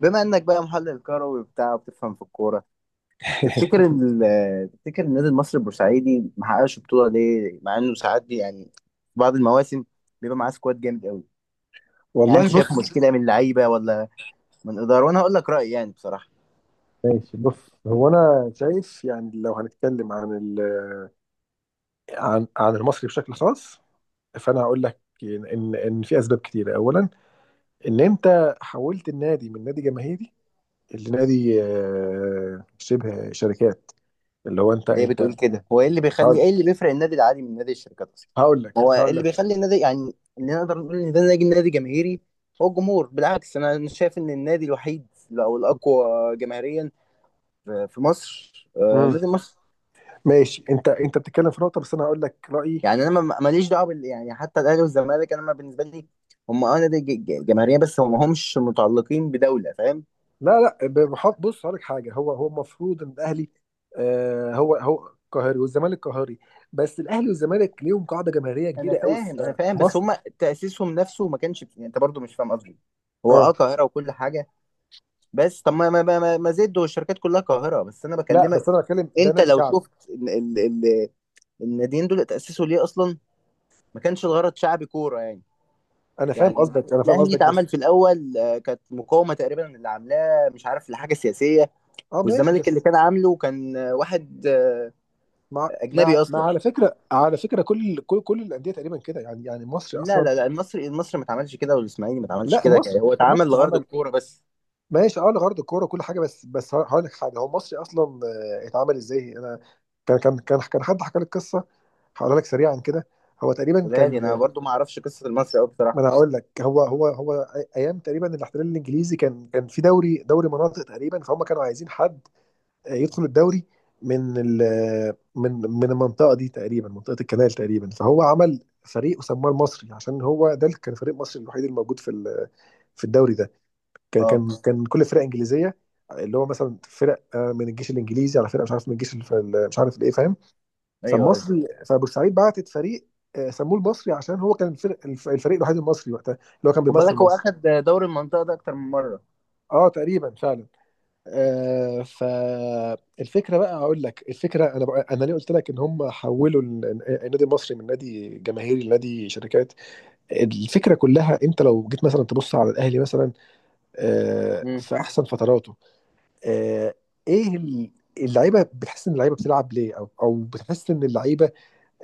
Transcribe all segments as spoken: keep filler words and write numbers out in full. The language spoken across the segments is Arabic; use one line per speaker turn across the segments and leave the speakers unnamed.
بما انك بقى محلل كروي وبتاع وبتفهم في الكوره، تفتكر ان ال- تفتكر النادي المصري البورسعيدي ما حققش بطوله ليه، مع انه ساعات بي- يعني في بعض المواسم بيبقى معاه سكواد جامد قوي؟ يعني
والله
انت شايف
بص.
مشكله من لعيبه، ولا من اداره؟ وانا هقول لك رايي يعني بصراحه.
ماشي بص. هو انا شايف يعني لو هنتكلم عن ال عن عن المصري بشكل خاص، فانا هقول لك ان ان في اسباب كتيره. اولا، ان انت حولت النادي من نادي جماهيري لنادي آه، شبه شركات، اللي هو انت
ليه بتقول
انت
كده؟ هو ايه اللي بيخلي
هقول
ايه اللي بيفرق النادي العادي من نادي الشركات اصلا؟
هقول لك
هو إيه
هقول
اللي
لك
بيخلي النادي يعني، اللي نقدر نقول ان ده نادي نادي جماهيري؟ هو الجمهور. بالعكس، انا أنا شايف ان النادي الوحيد، او الاقوى جماهيريا في في مصر، آه،
مم.
نادي مصر.
ماشي، انت انت بتتكلم في نقطه، بس انا هقول لك رايي.
يعني انا ما- ماليش دعوه بال... يعني حتى الاهلي والزمالك انا، ما بالنسبه لي هم اه نادي ج- ج- جماهيريه، بس هم همش متعلقين بدوله، فاهم؟
لا لا، ب- بحط، بص هقول لك حاجه. هو هو المفروض ان الاهلي، آه هو هو قاهري والزمالك قاهري، بس الاهلي والزمالك ليهم قاعده جماهيريه
انا
كبيره قوي في
فاهم، انا فاهم، بس
مصر.
هم تاسيسهم نفسه ما كانش، يعني انت برضو مش فاهم قصدي. هو اه
اه.
قاهره وكل حاجه، بس طب ما ما ما, ما ما زد والشركات كلها قاهره، بس انا
لا،
بكلمك.
بس انا بتكلم ده
انت
نادي
لو
شعبي.
شفت ال... ال... ال... الناديين دول تاسسوا ليه اصلا؟ ما كانش الغرض شعبي كوره يعني.
انا فاهم
يعني
قصدك انا فاهم
الاهلي
قصدك بس.
اتعمل في الاول، آه، كانت مقاومه تقريبا اللي عاملاه، مش عارف لحاجه سياسيه.
اه، ماشي،
والزمالك اللي
بس.
كان عامله كان واحد آه،
مع
اجنبي
مع مع
اصلا.
على فكره على فكره، كل كل كل الانديه تقريبا كده، يعني يعني مصر
لا
اصلا.
لا لا، المصري المصري ما اتعملش كده، والاسماعيلي ما اتعملش
لا،
كده، يعني
مصر
هو
مصر
اتعمل لغرض
اتعمل.
الكوره بس.
ماشي. اه، لغرض الكوره وكل حاجه. بس بس هقول لك حاجه، هو مصري اصلا آه، اتعمل ازاي؟ انا كان كان كان كان حد حكى لي القصه، هقولها لك سريعا كده. هو تقريبا
ولادي انا
كان...
برضو ما اعرفش قصه المصري قوي
ما
بصراحه.
انا هقول لك. هو هو هو أي- ايام تقريبا الاحتلال الانجليزي، كان كان في دوري دوري مناطق تقريبا، فهم كانوا عايزين حد يدخل الدوري من ال من من المنطقه دي تقريبا، منطقه الكنال تقريبا. فهو عمل فريق وسماه المصري، عشان هو ده اللي كان فريق مصري الوحيد الموجود في ال- في الدوري ده. كان
اه،
كان كان كل فرق انجليزيه، اللي هو مثلا فرق آه، من الجيش الانجليزي، على فرق مش عارف من الجيش، الف- مش عارف الايه، فاهم.
ايوه، ايوه.
فالمصري، فبورسعيد بعتت فريق، آه، سموه المصري عشان هو كان الفرق الف- الفريق الوحيد المصري وقتها، اللي هو كان
خد
بيمثل
بالك هو
مصر.
اخد دوري المنطقه ده اكتر من مره.
اه تقريبا فعلا. آه فالفكره بقى، هقول لك الفكره، انا بقى، انا ليه قلت لك ان هم حولوا ال- النادي المصري من نادي جماهيري لنادي شركات. الفكره كلها، انت لو جيت مثلا تبص على الاهلي مثلا، آه
امم.
في احسن فتراته، آه ايه ال- اللعيبه بتحس ان اللعيبه بتلعب ليه. او او بتحس ان اللعيبه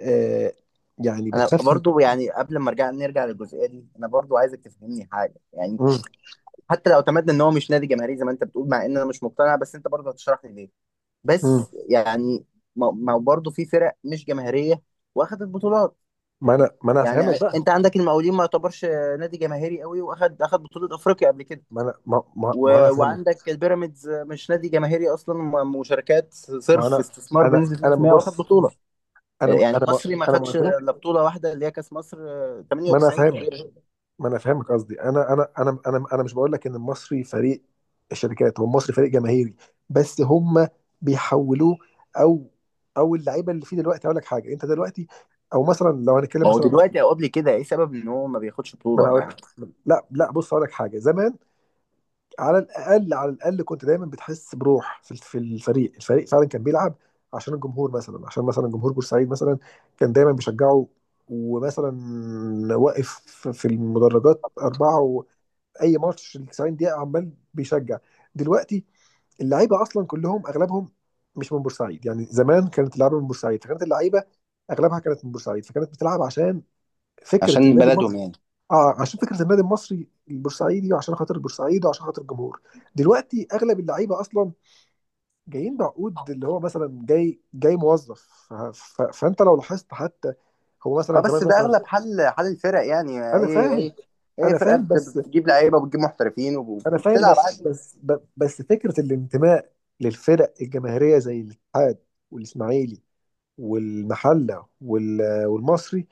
آه يعني
انا
بتخاف.
برضو، يعني قبل ما ارجع نرجع للجزئيه دي، انا برضو عايزك تفهمني حاجه يعني. حتى لو اعتمدنا ان هو مش نادي جماهيري زي ما انت بتقول، مع ان انا مش مقتنع، بس انت برضو هتشرح لي ليه.
مم.
بس يعني ما ما برضو في فرق مش جماهيريه واخدت بطولات.
ما انا ما انا
يعني
هفهمك بقى.
انت عندك المقاولين، ما يعتبرش نادي جماهيري قوي، واخد اخد بطولة افريقيا قبل كده.
ما انا ما, ما, ما انا
و...
هفهمك.
وعندك البيراميدز مش نادي جماهيري اصلا، م- مشاركات
ما
صرف
انا
استثمار
انا
بنسبة
انا ما
مئة بالمية واخد
بص
بطولة.
بص انا
يعني
انا ما
المصري ما
انا ما
خدش
قلتلكش.
الا بطولة واحدة، اللي هي كاس مصر
ما انا
تمانية وتسعين
هفهمك
تقريبا.
ما انا هفهمك قصدي. انا انا انا انا انا مش بقول لك ان المصري فريق الشركات. هو المصري فريق جماهيري، بس هم بيحولوه. او او اللعيبه اللي فيه دلوقتي، هقول لك حاجه. انت دلوقتي، او مثلا لو هنتكلم
ما هو
مثلا... ما
دلوقتي او قبل كده، ايه سبب ان هو ما بياخدش
انا
بطولة
هقول
معاهم؟
لك. لا لا، بص هقول لك حاجه. زمان، على الاقل على الاقل كنت دايما بتحس بروح في في الفريق، الفريق فعلا كان بيلعب عشان الجمهور مثلا، عشان مثلا جمهور بورسعيد مثلا كان دايما بيشجعه. ومثلا، واقف في المدرجات أربعة، وأي ماتش ال تسعين دقيقة عمال بيشجع. دلوقتي، اللعيبة أصلا كلهم، أغلبهم مش من بورسعيد. يعني زمان كانت اللعيبة من بورسعيد، فكانت اللعيبة أغلبها كانت من بورسعيد، فكانت بتلعب عشان فكرة
عشان
النادي
بلدهم
المصري.
يعني.
اه، عشان فكره النادي المصري البورسعيدي، وعشان خاطر البورسعيد، وعشان خاطر الجمهور. دلوقتي اغلب اللعيبه اصلا جايين بعقود، اللي هو مثلا جاي جاي موظف. ف... ف... فانت لو لاحظت حتى، هو مثلا
اه، بس
زمان
ده
مثلا...
اغلب حل حل الفرق يعني، آه،
انا
اي
فاهم
اي اي
انا
فرقة
فاهم
بت-
بس.
بتجيب لعيبة، وبتجيب محترفين، وب-
انا فاهم
وبتلعب
بس،
عادي.
بس ب- بس فكره الانتماء للفرق الجماهيريه زي الاتحاد والاسماعيلي والمحله وال... والمصري،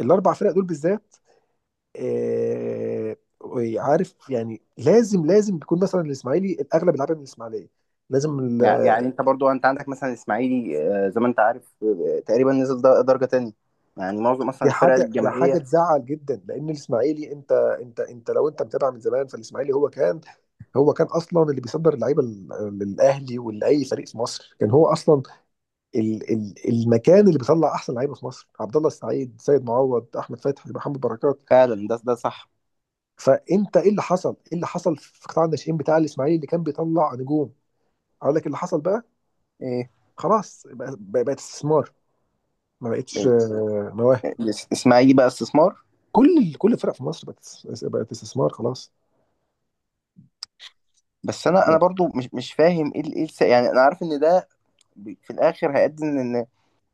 الاربع فرق دول بالذات. آه، عارف يعني، لازم لازم بيكون مثلا الاسماعيلي الاغلب يلعبها من الاسماعيليه. لازم
يع- يعني
ال-
انت برضو، انت عندك مثلا اسماعيلي، آه، زي ما انت عارف، آه، تقريبا نزل در- درجة تانية. يعني معظم اصلا
دي
الفرق
حاجه دي حاجه
الجماهيرية.
تزعل جدا، لان الاسماعيلي انت انت انت، لو انت متابع من زمان، فالاسماعيلي هو كان هو كان اصلا اللي بيصدر اللعيبه لل- للاهلي ولاي فريق في مصر. كان هو اصلا ال ال المكان اللي بيطلع احسن لعيبه في مصر، عبد الله السعيد، سيد معوض، احمد فتحي، محمد بركات.
فعلا، ده ده صح.
فانت، ايه اللي حصل ايه اللي حصل في قطاع الناشئين بتاع الاسماعيلي اللي كان بيطلع نجوم؟ اقول لك اللي حصل بقى.
ايه
خلاص، بقى- بقى- بقت استثمار، ما بقتش
ال-
آه، مواهب.
الاس- اسماعيلي بقى استثمار.
كل كل الفرق في مصر بقت، است- بقت استثمار خلاص.
بس انا انا برضو مش مش فاهم ايه ال- ايه الس- يعني انا عارف ان ده، ب- في الاخر هيؤدي ان، ان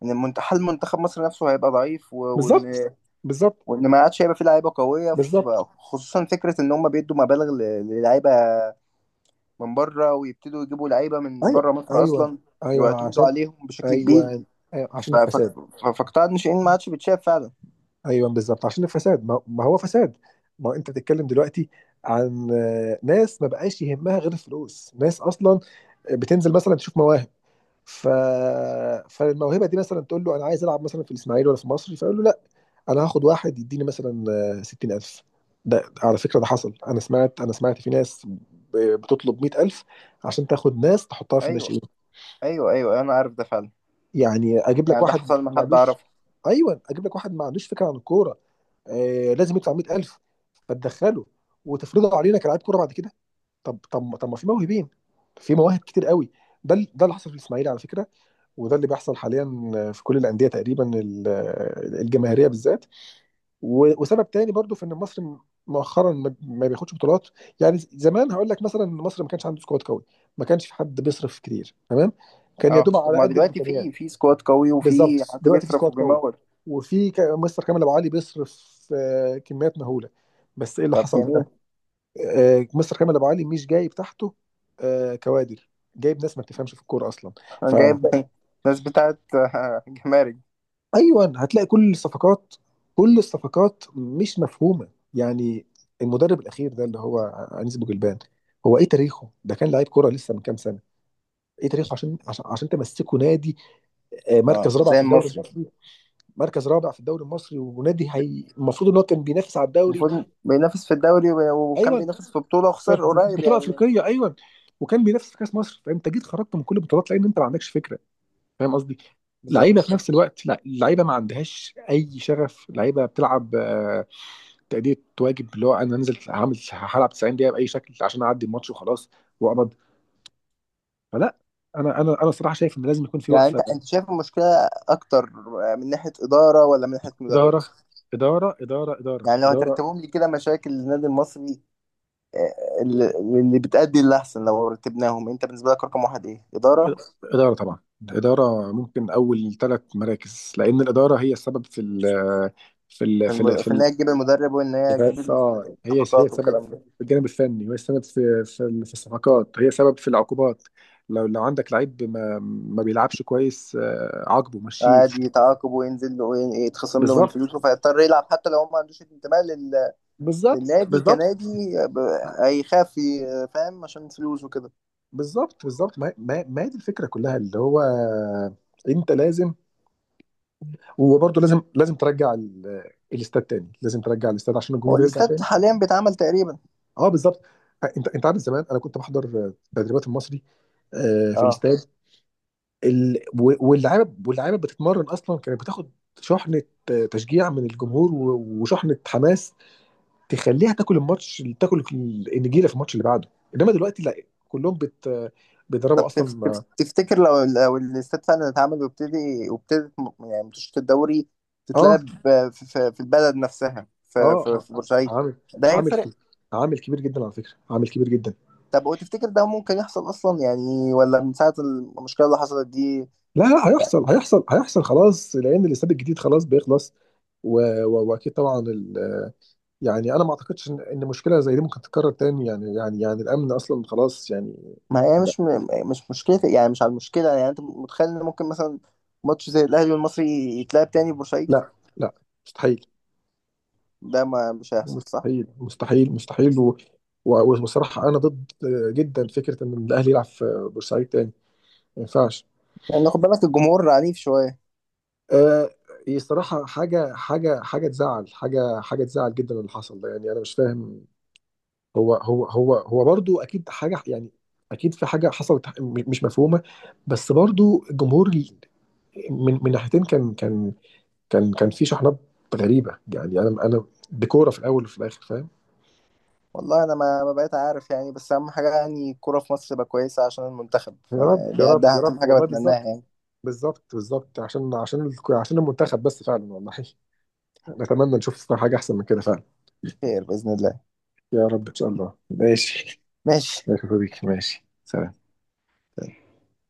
إن المنت- حال منتخب مصر نفسه هيبقى ضعيف، و-
بالظبط،
وان
بالظبط،
وان ما عادش هيبقى فيه لعيبه قويه، ف-
بالظبط.
خصوصا فكره ان هم بيدوا مبالغ ل- للعيبه من بره، ويبتدوا يجيبوا لعيبه من
ايوه،
بره مصر
ايوه،
اصلا،
ايوه،
ويعتمدوا
عشان.
عليهم بشكل كبير،
ايوه، أيوة، عشان
ف- ف-
الفساد.
ف- فقطاع الناشئين ما عادش بيتشاف فعلا.
ايوه، بالظبط، عشان الفساد. ما ما هو فساد. ما هو انت بتتكلم دلوقتي عن آه، ناس ما بقاش يهمها غير الفلوس. ناس اصلا بتنزل مثلا تشوف مواهب، ف... فالموهبه دي مثلا تقول له انا عايز العب مثلا في الاسماعيلي ولا في مصر، فيقول له لا، انا هاخد واحد يديني مثلا آه، ستين الف. ده على فكرة، ده حصل، انا سمعت انا سمعت في ناس ب- بتطلب مية الف عشان تاخد ناس تحطها في
ايوه،
الناشئين.
ايوه، ايوه، أيوة، انا عارف ده فعلا.
يعني اجيب لك
يعني ده
واحد
حصل مع
ما
حد
عندوش.
اعرفه.
ايوه، اجيب لك واحد ما عندوش فكرة عن الكورة، آه لازم يدفع مية الف، فتدخله وتفرضه علينا كلاعب كورة بعد كده. طب، طب، طب، ما في موهبين، في مواهب كتير قوي. ده ال- ده اللي حصل في الاسماعيلي على فكرة، وده اللي بيحصل حاليا في كل الأندية تقريبا، ال- آه، الجماهيرية بالذات. و- وسبب تاني برضو في ان مصر، م- مؤخرا ما ما بياخدش بطولات. يعني ز- زمان هقول لك مثلا ان مصر ما كانش عنده سكواد قوي، ما كانش في حد بيصرف كتير، تمام، كان يا
اه،
دوب
طب
على
ما
قد
دلوقتي
الامكانيات.
في في سكواد قوي، وفي
بالظبط،
حد
دلوقتي في
بيصرف
سكواد قوي،
وبيمول.
وفي ك- مستر كامل ابو علي بيصرف آه، كميات مهوله. بس ايه اللي
طب
حصل بقى؟
جميل.
آه، مستر كامل ابو علي مش جايب تحته آه، كوادر. جايب ناس ما بتفهمش في الكوره اصلا. ف
أنا جايب ناس بتاعت آه، جمارك.
ايوه، هتلاقي كل الصفقات كل الصفقات مش مفهومه يعني. المدرب الاخير ده اللي هو انيس بوجلبان، هو ايه تاريخه؟ ده كان لعيب كوره لسه من كام سنه. ايه تاريخه عشان عشان, عشان تمسكه نادي آه،
اه،
مركز رابع
زي
في الدوري
المصري.
المصري، مركز رابع في الدوري المصري ونادي هي المفروض ان هو كان بينافس على الدوري.
المفروض بينافس في الدوري، وب- وكان
ايوه،
بينافس في بطولة
في
وخسر قريب
بطوله
يعني.
افريقيه، ايوه، وكان بينافس في كاس مصر. فانت جيت خرجت من كل البطولات لان انت ما عندكش فكره، فاهم قصدي؟ لعيبه
بالظبط.
في نفس الوقت، لا، لعيبه ما عندهاش اي شغف، لعيبه بتلعب آه، تأدية واجب، اللي هو انا نزلت هعمل هلعب تسعين دقيقه باي شكل عشان اعدي الماتش وخلاص، واقبض. فلا، انا انا انا صراحه شايف ان لازم يكون في
يعني انت
وقفه.
انت شايف المشكلة اكتر من ناحية إدارة، ولا من ناحية مدرب؟
اداره، اداره، اداره، اداره،
يعني لو
اداره.
هترتبهم لي كده مشاكل النادي المصري اللي اللي بتأدي، اللي أحسن لو رتبناهم، أنت بالنسبة لك رقم واحد إيه؟ إدارة؟
اداره طبعا، الاداره ممكن اول ثلاث مراكز، لان الاداره هي السبب في ال في ال في ال
الم-
في
في، إن
ال
هي تجيب المدرب وإن هي تجيب
في- اه هي هي
الصفقات
السبب
والكلام
في
ده.
الجانب الفني، وهي السبب في في ال- في الصفقات، هي سبب في العقوبات. لو لو عندك لعيب ما ما بيلعبش كويس، آه، عاقبه، مشيه.
عادي يتعاقب، وينزل له، وين- يتخصم له من
بالظبط،
فلوسه، فيضطر يلعب حتى لو هو ما عندوش انتماء لل...
بالظبط،
للنادي
بالظبط،
كنادي، ب- هيخاف ي- فاهم، عشان فلوس وكده.
بالظبط، بالظبط. ما ما ما هي دي الفكره كلها، اللي هو انت لازم، وبرضه لازم لازم ترجع ال- الاستاد تاني، لازم ترجع الاستاد عشان
هو
الجمهور يرجع
الاستاد
تاني.
حاليا بيتعمل تقريبا.
اه بالظبط. انت انت عارف زمان، انا كنت بحضر تدريبات المصري آه، في
اه،
الاستاد. ال... و- واللعيبه واللعيبه بتتمرن اصلا، كانت بتاخد شحنه، آه، تشجيع من الجمهور، و- وشحنه حماس تخليها تاكل الماتش، تاكل النجيله في الماتش اللي بعده. انما دلوقتي لا، كلهم بت بيضربوا
طب تف-
اصلا.
تف- تفتكر لو لو الاستاد فعلا اتعمل وابتدي، وابتدت م- يعني ماتشات الدوري
اه،
تتلعب، ب- في, في في البلد نفسها، في,
اه،
في,
آه،
في بورسعيد؟
عامل
ده
عامل
هيفرق؟
كبير. عامل كبير جدا على فكره، عامل كبير جدا.
طب وتفتكر ده ممكن يحصل اصلا يعني، ولا من ساعة المشكلة اللي حصلت دي؟
لا لا، هيحصل، هيحصل هيحصل خلاص، لان الاستاد الجديد خلاص بيخلص، و... و... واكيد طبعا، ال... يعني انا ما اعتقدش ان إن مشكله زي دي ممكن تتكرر تاني، يعني يعني يعني الامن اصلا خلاص يعني.
ما هي
لا
مش م- مش مشكلة يعني، مش على المشكلة. يعني انت متخيل ان ممكن مثلا ماتش زي الاهلي والمصري يتلعب تاني في بورسعيد؟
لا لا، مستحيل،
ده ما مش هيحصل، صح؟
مستحيل، مستحيل، مستحيل. و... و... والصراحه انا ضد جدا فكره ان الاهلي يلعب في بورسعيد تاني، ما ينفعش.
لان يعني خد بالك الجمهور عنيف شوية.
آه، هي صراحة حاجة، حاجة حاجة تزعل حاجة حاجة تزعل جدا اللي حصل ده، يعني أنا مش فاهم. هو هو هو هو برضو أكيد حاجة، يعني أكيد في حاجة حصلت م- مش مفهومة. بس برضو الجمهور ال- من من ناحيتين، كان كان كان كان في شحنات غريبة، يعني أنا أنا ديكورة في الأول وفي الآخر، فاهم.
والله انا ما ما بقيت عارف يعني. بس اهم حاجه يعني الكوره في مصر تبقى كويسه عشان المنتخب،
يا
ف-
رب، يا
ده
رب،
ده
يا
اهم
رب،
حاجه
والله
بتمناها
بالظبط.
يعني.
بالظبط، بالظبط، عشان، عشان ال- عشان المنتخب بس فعلا، والله نتمنى نشوف حاجة أحسن من كده فعلا.
خير باذن الله،
يا رب إن شاء الله. ماشي،
ماشي.
اشوفك، ماشي، سلام.